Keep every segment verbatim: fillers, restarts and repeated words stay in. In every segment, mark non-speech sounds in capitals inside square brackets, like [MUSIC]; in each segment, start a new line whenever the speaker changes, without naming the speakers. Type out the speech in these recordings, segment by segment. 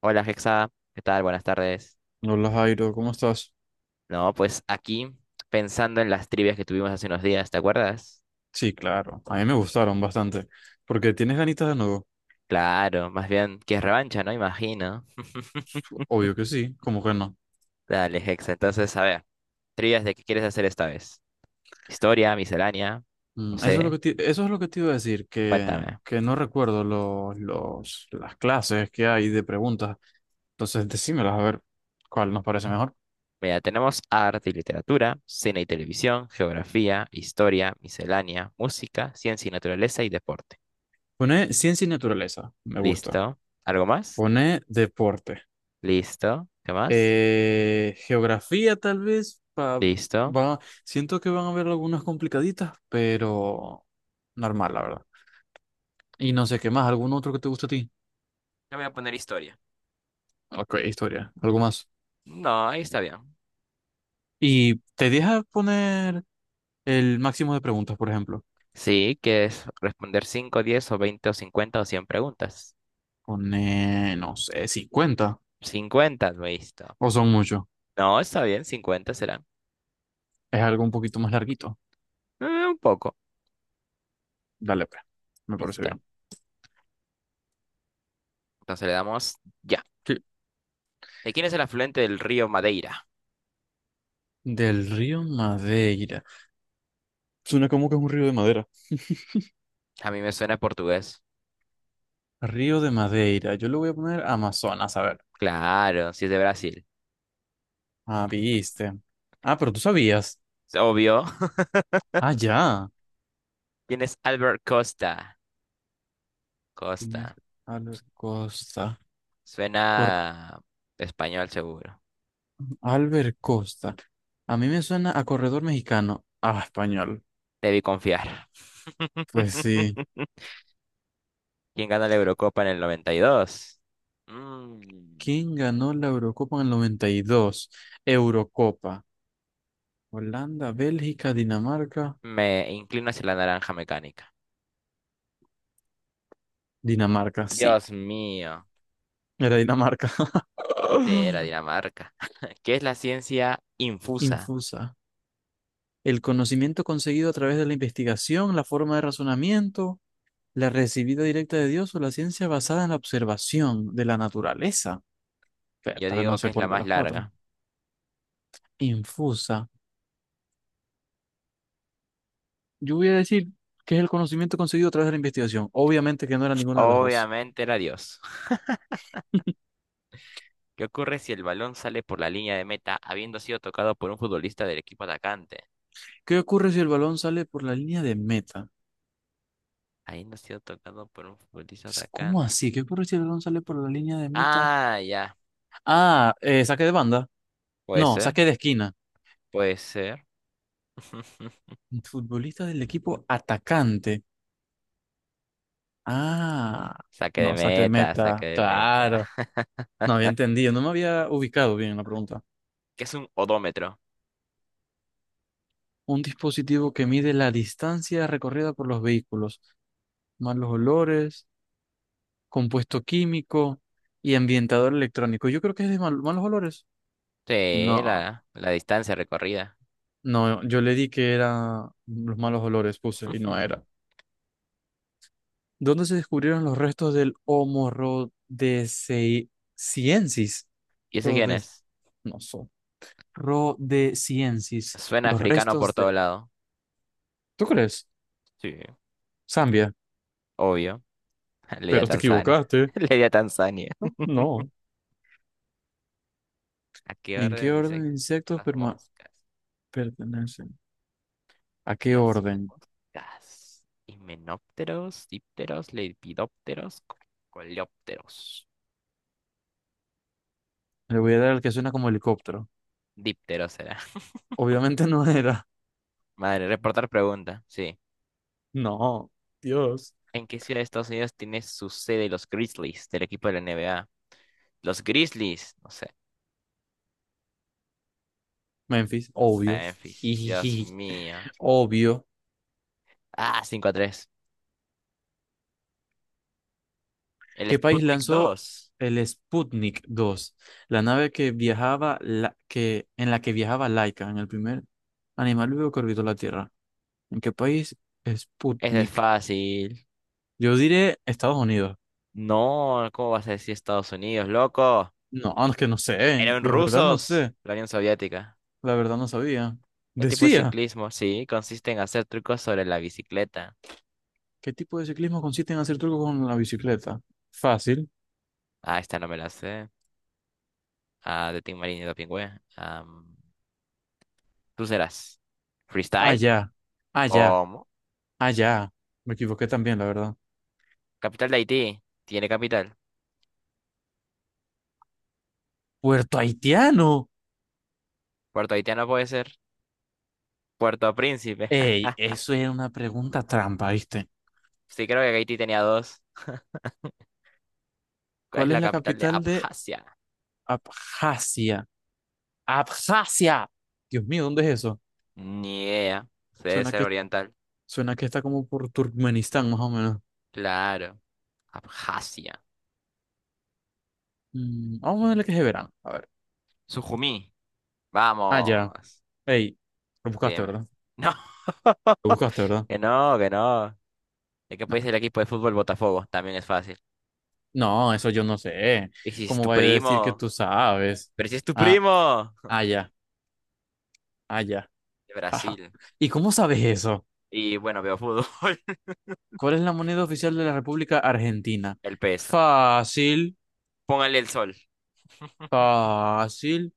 Hola Hexa, ¿qué tal? Buenas tardes.
Hola Jairo, ¿cómo estás?
No, pues aquí pensando en las trivias que tuvimos hace unos días, ¿te acuerdas?
Sí, claro, a mí me gustaron bastante. ¿Porque tienes ganitas de nuevo?
Claro, más bien que es revancha, ¿no? Imagino. [LAUGHS]
Obvio que sí, ¿cómo que no?
Dale Hexa, entonces a ver, trivias de qué quieres hacer esta vez. Historia, miscelánea, no
Mm, Eso es lo
sé,
que te, eso es lo que te iba a decir, que,
cuéntame.
que no recuerdo los, los, las clases que hay de preguntas. Entonces, decímelas a ver cuál nos parece mejor.
Mira, tenemos arte y literatura, cine y televisión, geografía, historia, miscelánea, música, ciencia y naturaleza y deporte.
Pone ciencia y naturaleza, me gusta.
Listo. ¿Algo más?
Pone deporte.
Listo. ¿Qué más?
Eh, geografía tal vez, pa-
Listo.
va, siento que van a haber algunas complicaditas, pero normal, la verdad. Y no sé qué más, algún otro que te guste a ti.
Ya voy a poner historia.
Ok, historia, algo más.
No, ahí está bien.
Y te deja poner el máximo de preguntas, por ejemplo.
Sí, que es responder cinco, diez o veinte o cincuenta o cien preguntas.
Pone, no sé, cincuenta
Cincuenta, listo.
o son muchos.
No, está bien, Cincuenta será.
Es algo un poquito más larguito.
Eh, un poco.
Dale, pues. Me parece
Listo.
bien.
Entonces le damos ya.
Sí.
¿De quién es el afluente del río Madeira?
Del río Madeira. Suena como que es un río de madera. [LAUGHS]
A mí me suena portugués.
Río de Madeira. Yo le voy a poner Amazonas, a ver.
Claro, si es de Brasil.
Ah, viste. Ah, pero tú sabías.
Es obvio. [LAUGHS]
Ah, ya.
¿Quién es Albert Costa?
Tienes
Costa.
a la costa.
Suena español seguro.
Albert Costa. A mí me suena a corredor mexicano. Ah, español.
Debí confiar.
Pues sí.
[LAUGHS] ¿Quién gana la Eurocopa en el noventa y dos? Mm,
¿Quién ganó la Eurocopa en el noventa y dos? Eurocopa. Holanda, Bélgica, Dinamarca.
me inclino hacia la naranja mecánica.
Dinamarca, sí.
Dios mío,
Era Dinamarca.
sí, era
[LAUGHS]
Dinamarca. [LAUGHS] ¿Qué es la ciencia infusa?
Infusa. El conocimiento conseguido a través de la investigación, la forma de razonamiento, la recibida directa de Dios o la ciencia basada en la observación de la naturaleza. Pero
Yo
tal vez no
digo
sé
que es la
cuál de
más
las cuatro.
larga.
Infusa. Yo voy a decir que es el conocimiento conseguido a través de la investigación. Obviamente que no era ninguna de las dos.
Obviamente era Dios. [LAUGHS] ¿Qué ocurre si el balón sale por la línea de meta habiendo sido tocado por un futbolista del equipo atacante?
¿Qué ocurre si el balón sale por la línea de meta?
Habiendo sido tocado por un futbolista
Pues, ¿cómo
atacante.
así? ¿Qué ocurre si el balón sale por la línea de meta?
Ah, ya.
Ah, eh, saque de banda.
Puede
No,
ser,
saque de esquina.
puede ser. [LAUGHS]
Futbolista del equipo atacante. Ah,
Saque de
no, saque de
meta, saque
meta.
de meta.
Claro. No había entendido, no me había ubicado bien en la pregunta.
¿Qué es un odómetro?
Un dispositivo que mide la distancia recorrida por los vehículos, más los olores, compuesto químico y ambientador electrónico. Yo creo que es de mal- malos olores.
Sí,
No,
la, la distancia recorrida.
no, yo le di que era los malos olores, puse, y no era. ¿Dónde se descubrieron los restos del Homo rhodesiensis?
¿Y ese quién
Rhodes,
es?
no so, rhodesiensis.
Suena
Los
africano por
restos
todo
de.
lado.
¿Tú crees?
Sí,
Zambia,
obvio. [LAUGHS] Le di a
pero te
Tanzania.
equivocaste.
[LAUGHS] Le di a Tanzania.
No, no.
¿A qué
¿En qué
orden
orden de
insectos?
insectos
Las
perma-
moscas.
pertenecen? ¿A qué
Las
orden?
moscas. Himenópteros, dípteros, lepidópteros, co- coleópteros.
Le voy a dar el que suena como helicóptero.
Dípteros será. [LAUGHS]
Obviamente [LAUGHS] no era.
Madre, reportar pregunta. Sí.
No, Dios.
¿En qué ciudad de Estados Unidos tiene su sede los Grizzlies del equipo de la N B A? Los Grizzlies. No sé.
Memphis, obvio. [LAUGHS]
Memphis. Dios
Jijiji,
mío.
obvio.
Ah, cinco a tres. El
¿Qué país
Sputnik
lanzó
dos.
el Sputnik dos? La nave que viajaba, la, que, en la que viajaba Laika, en el primer animal vivo que orbitó la Tierra. ¿En qué país?
Ese es
Sputnik.
fácil.
Yo diré Estados Unidos.
No, ¿cómo vas a decir Estados Unidos, loco?
No, es que no sé.
Eran
La verdad no
rusos,
sé.
la Unión Soviética.
La verdad no sabía.
¿Qué tipo de
Decía,
ciclismo? Sí, consiste en hacer trucos sobre la bicicleta.
¿qué tipo de ciclismo consiste en hacer trucos con la bicicleta? Fácil.
Ah, esta no me la sé. Ah, de Tim Marín y de Pingüe. Am, tú serás. ¿Freestyle?
Allá. Allá.
¿Cómo?
Ah, ya. Me equivoqué también, la verdad.
Capital de Haití. Tiene capital.
Puerto Haitiano.
Puerto Haitiano puede ser. Puerto Príncipe. [LAUGHS]
Ey, eso era una pregunta trampa, ¿viste?
Sí, creo que Haití tenía dos. ¿Cuál es
¿Cuál es
la
la
capital de
capital de
Abjasia?
Abjasia? ¡Abjasia! Dios mío, ¿dónde es eso?
Ni idea. Debe
Suena
ser
que,
oriental.
suena que está como por Turkmenistán, más o menos.
Claro. Abjasia.
Mm, vamos a ver que es de verano. A ver.
Sujumí.
Ah, ya.
Vamos.
Ey, lo buscaste,
Dime. [LAUGHS]
¿verdad?
No,
Lo buscaste, ¿verdad?
que no, que no. ¿De qué
Nah.
país es el equipo de fútbol Botafogo? También es fácil.
No, eso yo no sé.
¿Y si es
¿Cómo
tu
vaya a decir que
primo?
tú sabes?
¿Pero si es tu
Ah,
primo? [LAUGHS]
ah, ya. Ah, ya.
De
[LAUGHS] Jaja.
Brasil.
¿Y cómo sabes eso?
Y bueno, veo fútbol. [LAUGHS]
¿Cuál es la moneda oficial de la República Argentina?
El peso.
Fácil,
Póngale el sol.
fácil.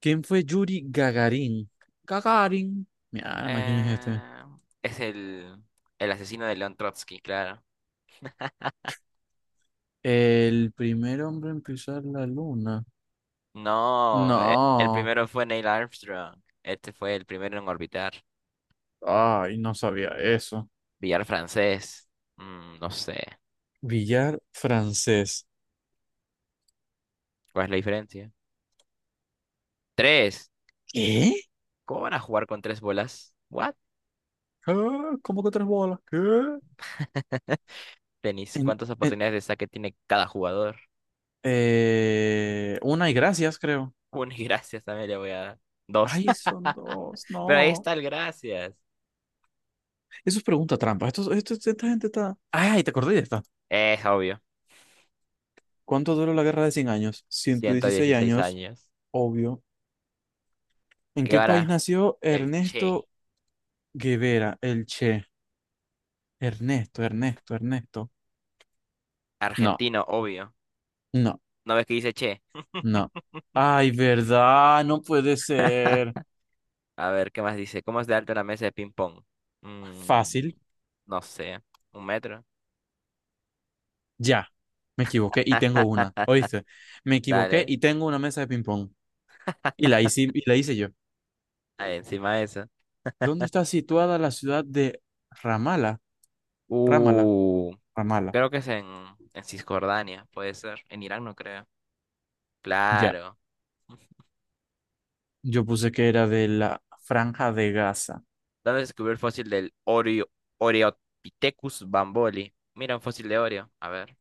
¿Quién fue Yuri Gagarin? Gagarin. Mi alma, ¿quién es este?
Eh, es el, el asesino de León Trotsky, claro.
El primer hombre en pisar la luna.
No, e- el
No.
primero fue Neil Armstrong. Este fue el primero en orbitar.
Ay, no sabía eso.
Billar francés. mm, no sé.
Billar francés.
¿Cuál es la diferencia? Tres.
¿Qué?
¿Cómo van a jugar con tres bolas? ¿What?
¿Qué? ¿Cómo que tres bolas? ¿Qué?
Tenis.
En,
¿Cuántas
en-
oportunidades de saque tiene cada jugador? [LAUGHS]
eh, una y gracias, creo.
Una y gracias también le voy a dar. Dos.
Ay, son
[LAUGHS]
dos.
Pero ahí
No.
está el gracias.
Eso es pregunta trampa. Esto, esto- esta gente está. ¡Ay! Te acordé de esta.
Es obvio.
¿Cuánto duró la guerra de cien años? ciento
ciento
dieciséis
dieciséis
años,
años.
obvio. ¿En qué país
Guevara,
nació
el Che.
Ernesto Guevara, el Che? Ernesto, Ernesto, Ernesto. No,
Argentino, obvio.
no,
¿No ves que dice Che?
no. ¡Ay, verdad! No puede ser.
A ver, ¿qué más dice? ¿Cómo es de alto una mesa de ping-pong? Mm,
Fácil.
no sé. ¿Un metro?
Ya. Me equivoqué y tengo una. ¿Oíste? Me equivoqué
Dale.
y tengo una mesa de ping-pong. Y la hice, y la hice yo.
Ahí encima de eso.
¿Dónde está situada la ciudad de Ramala? Ramala,
Uh.
Ramala.
Creo que es en, en, Cisjordania, puede ser. En Irán no creo.
Ya,
Claro.
yo puse que era de la Franja de Gaza.
¿Dónde se descubrió el fósil del Oreo, Oreopithecus bamboli? Mira, un fósil de Oreo. A ver.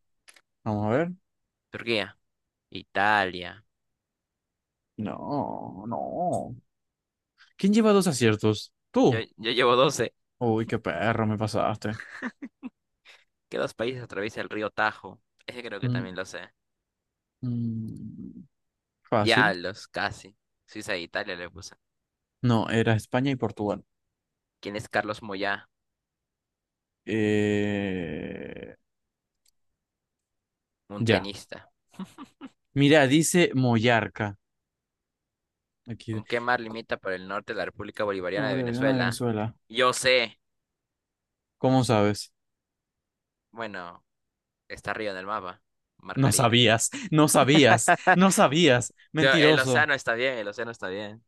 Vamos a ver.
Turquía. Italia.
No, no. ¿Quién lleva dos aciertos?
Yo,
¿Tú?
yo llevo doce.
Uy, qué perro me pasaste.
¿Qué dos países atraviesa el río Tajo? Ese creo que
Mm,
también lo sé.
mm, Fácil.
Diablos, casi. Suiza e Italia le puse.
No, era España y Portugal.
¿Quién es Carlos Moyá?
Eh,
Un
ya.
tenista.
Mira, dice Mollarca. Aquí. de-
¿Con qué mar
Co-
limita por el norte la República Bolivariana de
Bolivariana de
Venezuela?
Venezuela.
Yo sé.
¿Cómo sabes?
Bueno, está arriba en el mapa. Mar
No
Caribe.
sabías, no sabías, no sabías.
Yo- el
Mentiroso.
océano está bien, el océano está bien.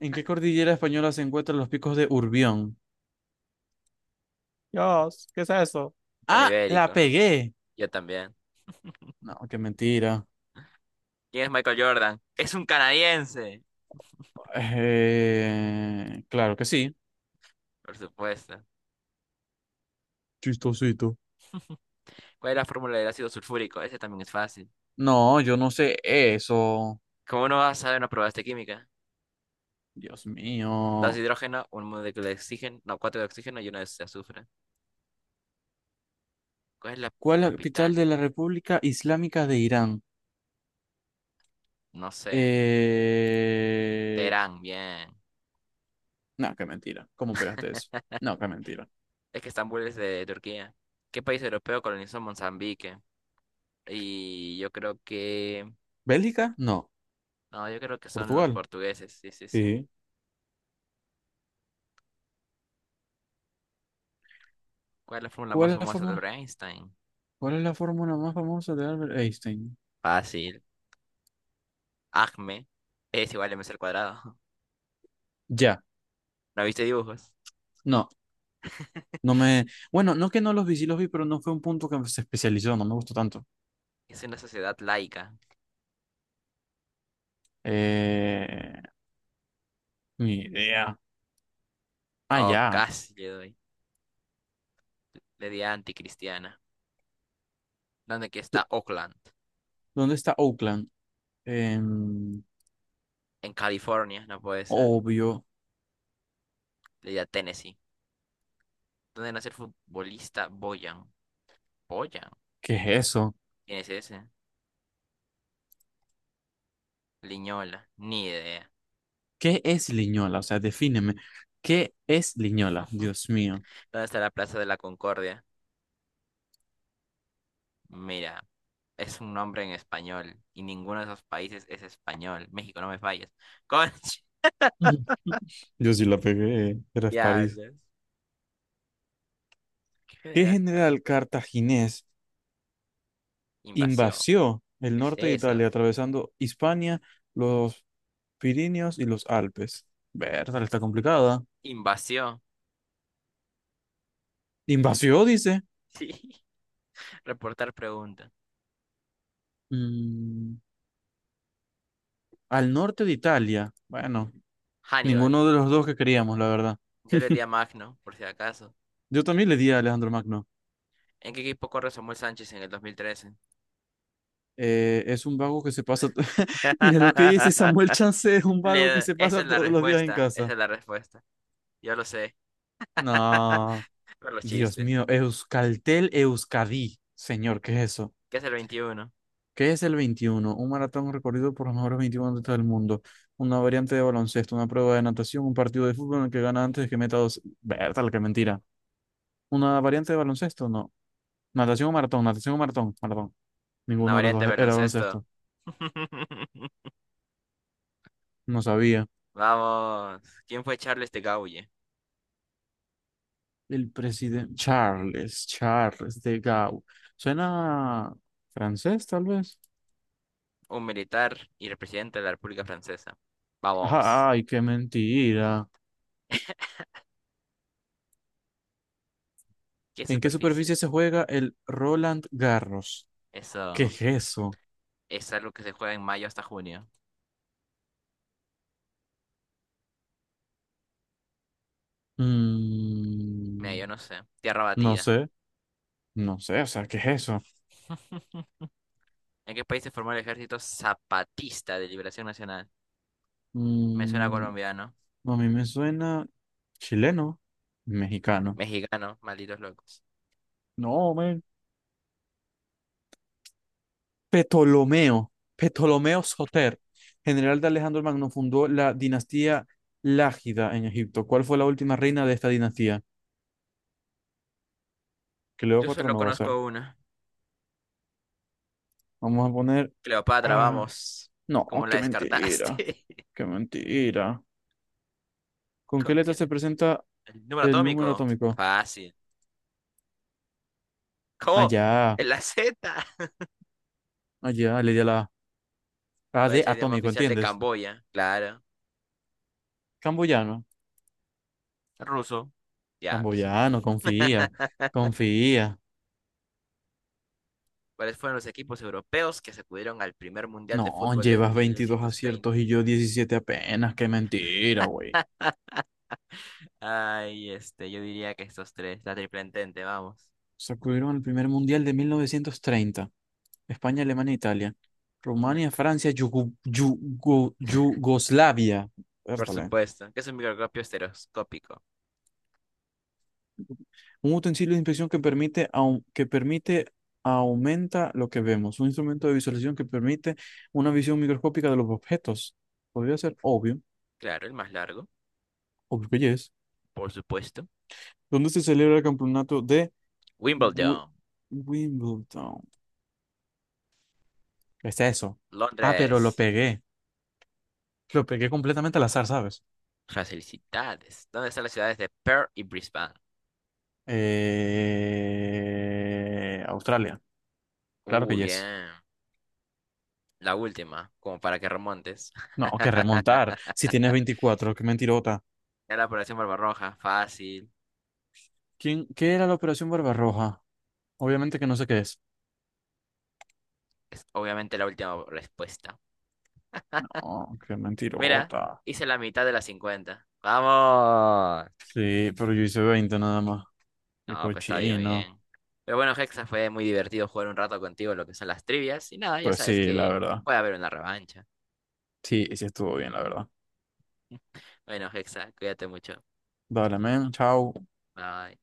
¿En qué cordillera española se encuentran los picos de Urbión? Dios, ¿qué es eso?
Tema
Ah, la
ibérico.
pegué.
Yo también.
No, qué mentira.
¿Quién es Michael Jordan? Es un canadiense.
Eh, claro que sí.
Por supuesto.
Chistosito.
¿Cuál es la fórmula del ácido sulfúrico? Ese también es fácil.
No, yo no sé eso.
¿Cómo no vas a saber una prueba de química?
Dios
Dos de
mío.
hidrógeno, un molécula de oxígeno, no, cuatro de oxígeno y una de azufre. ¿Cuál es la
¿Cuál es la capital de
capital?
la República Islámica de Irán?
No sé.
Eh...
Teherán, bien.
No, qué mentira. ¿Cómo pegaste eso? No, qué mentira.
Es que Estambul es de Turquía. ¿Qué país europeo colonizó Mozambique? Y yo creo que...
¿Bélgica? No.
No, yo creo que son los
¿Portugal?
portugueses. Sí, sí, sí.
Sí.
¿Cuál es la fórmula más
¿Cuál es la
famosa de
fórmula?
Albert Einstein?
¿Cuál es la fórmula más famosa de Albert Einstein?
Fácil. ACME es igual a M C al cuadrado.
Ya.
[LAUGHS] ¿No viste dibujos?
No. No me, bueno, no que no los vi, sí los vi, pero no fue un punto que se especializó, no me gustó tanto.
Es una sociedad laica.
Eh, ni idea. Ah,
Oh,
ya.
casi le doy. Le di a anticristiana. ¿Dónde que
¿Dó-
está Oakland?
¿Dónde está Oakland? Em,
En California, no puede ser.
obvio.
Le di a Tennessee. ¿Dónde nace el futbolista Boyan? ¿Boyan?
¿Qué es eso?
¿Quién es ese? Liñola. Ni idea.
¿Qué es Liñola? O sea, defíneme. ¿Qué es Liñola? Dios mío.
¿Dónde está la Plaza de la Concordia? Mira, es un nombre en español. Y ninguno de esos países es español. México, no me falles. [LAUGHS] Conche,
[LAUGHS] Yo sí la pegué, era París.
diablos.
¿Qué
Crear carta.
general cartaginés
Invasión.
invasió el
¿Qué es
norte de Italia,
eso?
atravesando Hispania, los Pirineos y los Alpes? Verdad, está complicada.
Invasión.
Invasión, dice.
Sí. [LAUGHS] Reportar pregunta.
Mm, al norte de Italia. Bueno,
Hannibal.
ninguno de los dos que queríamos, la verdad.
Yo le di
[LAUGHS]
a Magno, por si acaso.
Yo también le di a Alejandro Magno.
¿En qué equipo corre Samuel Sánchez en el dos mil trece?
Eh, es un vago que se pasa. to- [LAUGHS] Mira lo que dice Samuel
[LAUGHS]
Chance, es un vago que
Le-
se
esa es
pasa
la
todos los días en
respuesta. Esa
casa.
es la respuesta. Yo lo sé.
No,
Por los
Dios
chistes.
mío, Euskaltel Euskadi. Señor, ¿qué es eso?
¿Qué es el veintiuno?
¿Qué es el veintiuno? Un maratón recorrido por los mejores veintiún atletas del mundo. Una variante de baloncesto, una prueba de natación, un partido de fútbol en el que gana antes de que meta dos. Bertal, qué mentira. ¿Una variante de baloncesto? No. Natación o maratón, natación o maratón, maratón.
Una
Ninguno de los
variante
dos
de
e-, era
baloncesto.
baloncesto.
[LAUGHS]
No sabía.
Vamos. ¿Quién fue Charles de Gaulle?
El presidente Charles, Charles de Gaulle. Suena francés, tal vez.
Un militar y el presidente de la República Francesa. Vamos.
Ajá, ay, qué mentira.
¿Qué
¿En qué
superficie?
superficie se juega el Roland Garros? ¿Qué
Eso.
es eso?
Es algo que se juega en mayo hasta junio. Mira,
Mm,
yo no sé. Tierra
no
batida.
sé, no sé, o sea, ¿qué es eso?
¿En qué país se formó el Ejército Zapatista de Liberación Nacional? Me suena
Mm,
colombiano,
a mí me suena chileno, mexicano.
mexicano, malditos locos.
No, men. Ptolomeo, Ptolomeo Soter, general de Alejandro el Magno, fundó la dinastía Lágida en Egipto. ¿Cuál fue la última reina de esta dinastía? Que
Yo
Cleopatra
solo
no va a ser.
conozco uno.
Vamos a poner.
Cleopatra,
Ah,
vamos.
no,
¿Cómo la
qué mentira,
descartaste?
qué mentira.
[LAUGHS]
¿Con qué
¿Con
letra
qué
se
letra?
presenta
¿El número
el número
atómico?
atómico?
Fácil. ¿Cómo?
Allá,
¿En la Z?
allá, le di a la A. Ah,
¿Cuál
de
es el idioma
atómico,
oficial de
¿entiendes?
Camboya? Claro.
Camboyano.
Ruso. Ya, pues.
Camboyano, confía, confía.
¿Cuáles fueron los equipos europeos que acudieron al primer mundial de
No,
fútbol del
llevas
mil
veintidós
novecientos
aciertos
treinta
y yo diecisiete apenas. Qué mentira, güey.
Ay, este, yo diría que estos tres, la triple entente, vamos.
Sacudieron el primer mundial de mil novecientos treinta. España, Alemania, Italia.
No-
Rumania, Francia, Yugu- Yugo- Yugoslavia.
por
Vértale.
supuesto, que es un microscopio estereoscópico.
Un utensilio de inspección que permite, au- que permite, aumenta lo que vemos. Un instrumento de visualización que permite una visión microscópica de los objetos. Podría ser obvio,
Claro, el más largo,
obvio que yes.
por supuesto.
¿Dónde se celebra el campeonato de Wi-
Wimbledon,
Wimbledon? ¿Qué es eso? Ah, pero lo
Londres.
pegué. Lo pegué completamente al azar, ¿sabes?
Facilidades. ¿Dónde están las ciudades de Perth y Brisbane?
Eh... Australia. Claro
Uh,
que yes.
bien. La última, como para que remontes. [LAUGHS]
No, que remontar. Si tienes veinticuatro, qué mentirota.
Era la población barbarroja, fácil.
¿Quién, qué era la Operación Barbarroja? Obviamente que no sé qué es.
Es obviamente la última respuesta.
No, qué
Mira,
mentirota.
hice la mitad de las cincuenta. ¡Vamos!
Sí, pero yo hice veinte nada más. Qué
No, pues está bien, muy
cochino.
bien. Pero bueno, Hexa, fue muy divertido jugar un rato contigo lo que son las trivias. Y nada, ya
Pues
sabes
sí, la
que
verdad.
puede haber una revancha.
Sí, sí estuvo bien, la verdad.
Bueno, Hexa, cuídate mucho.
Dale, men. Chao.
Bye.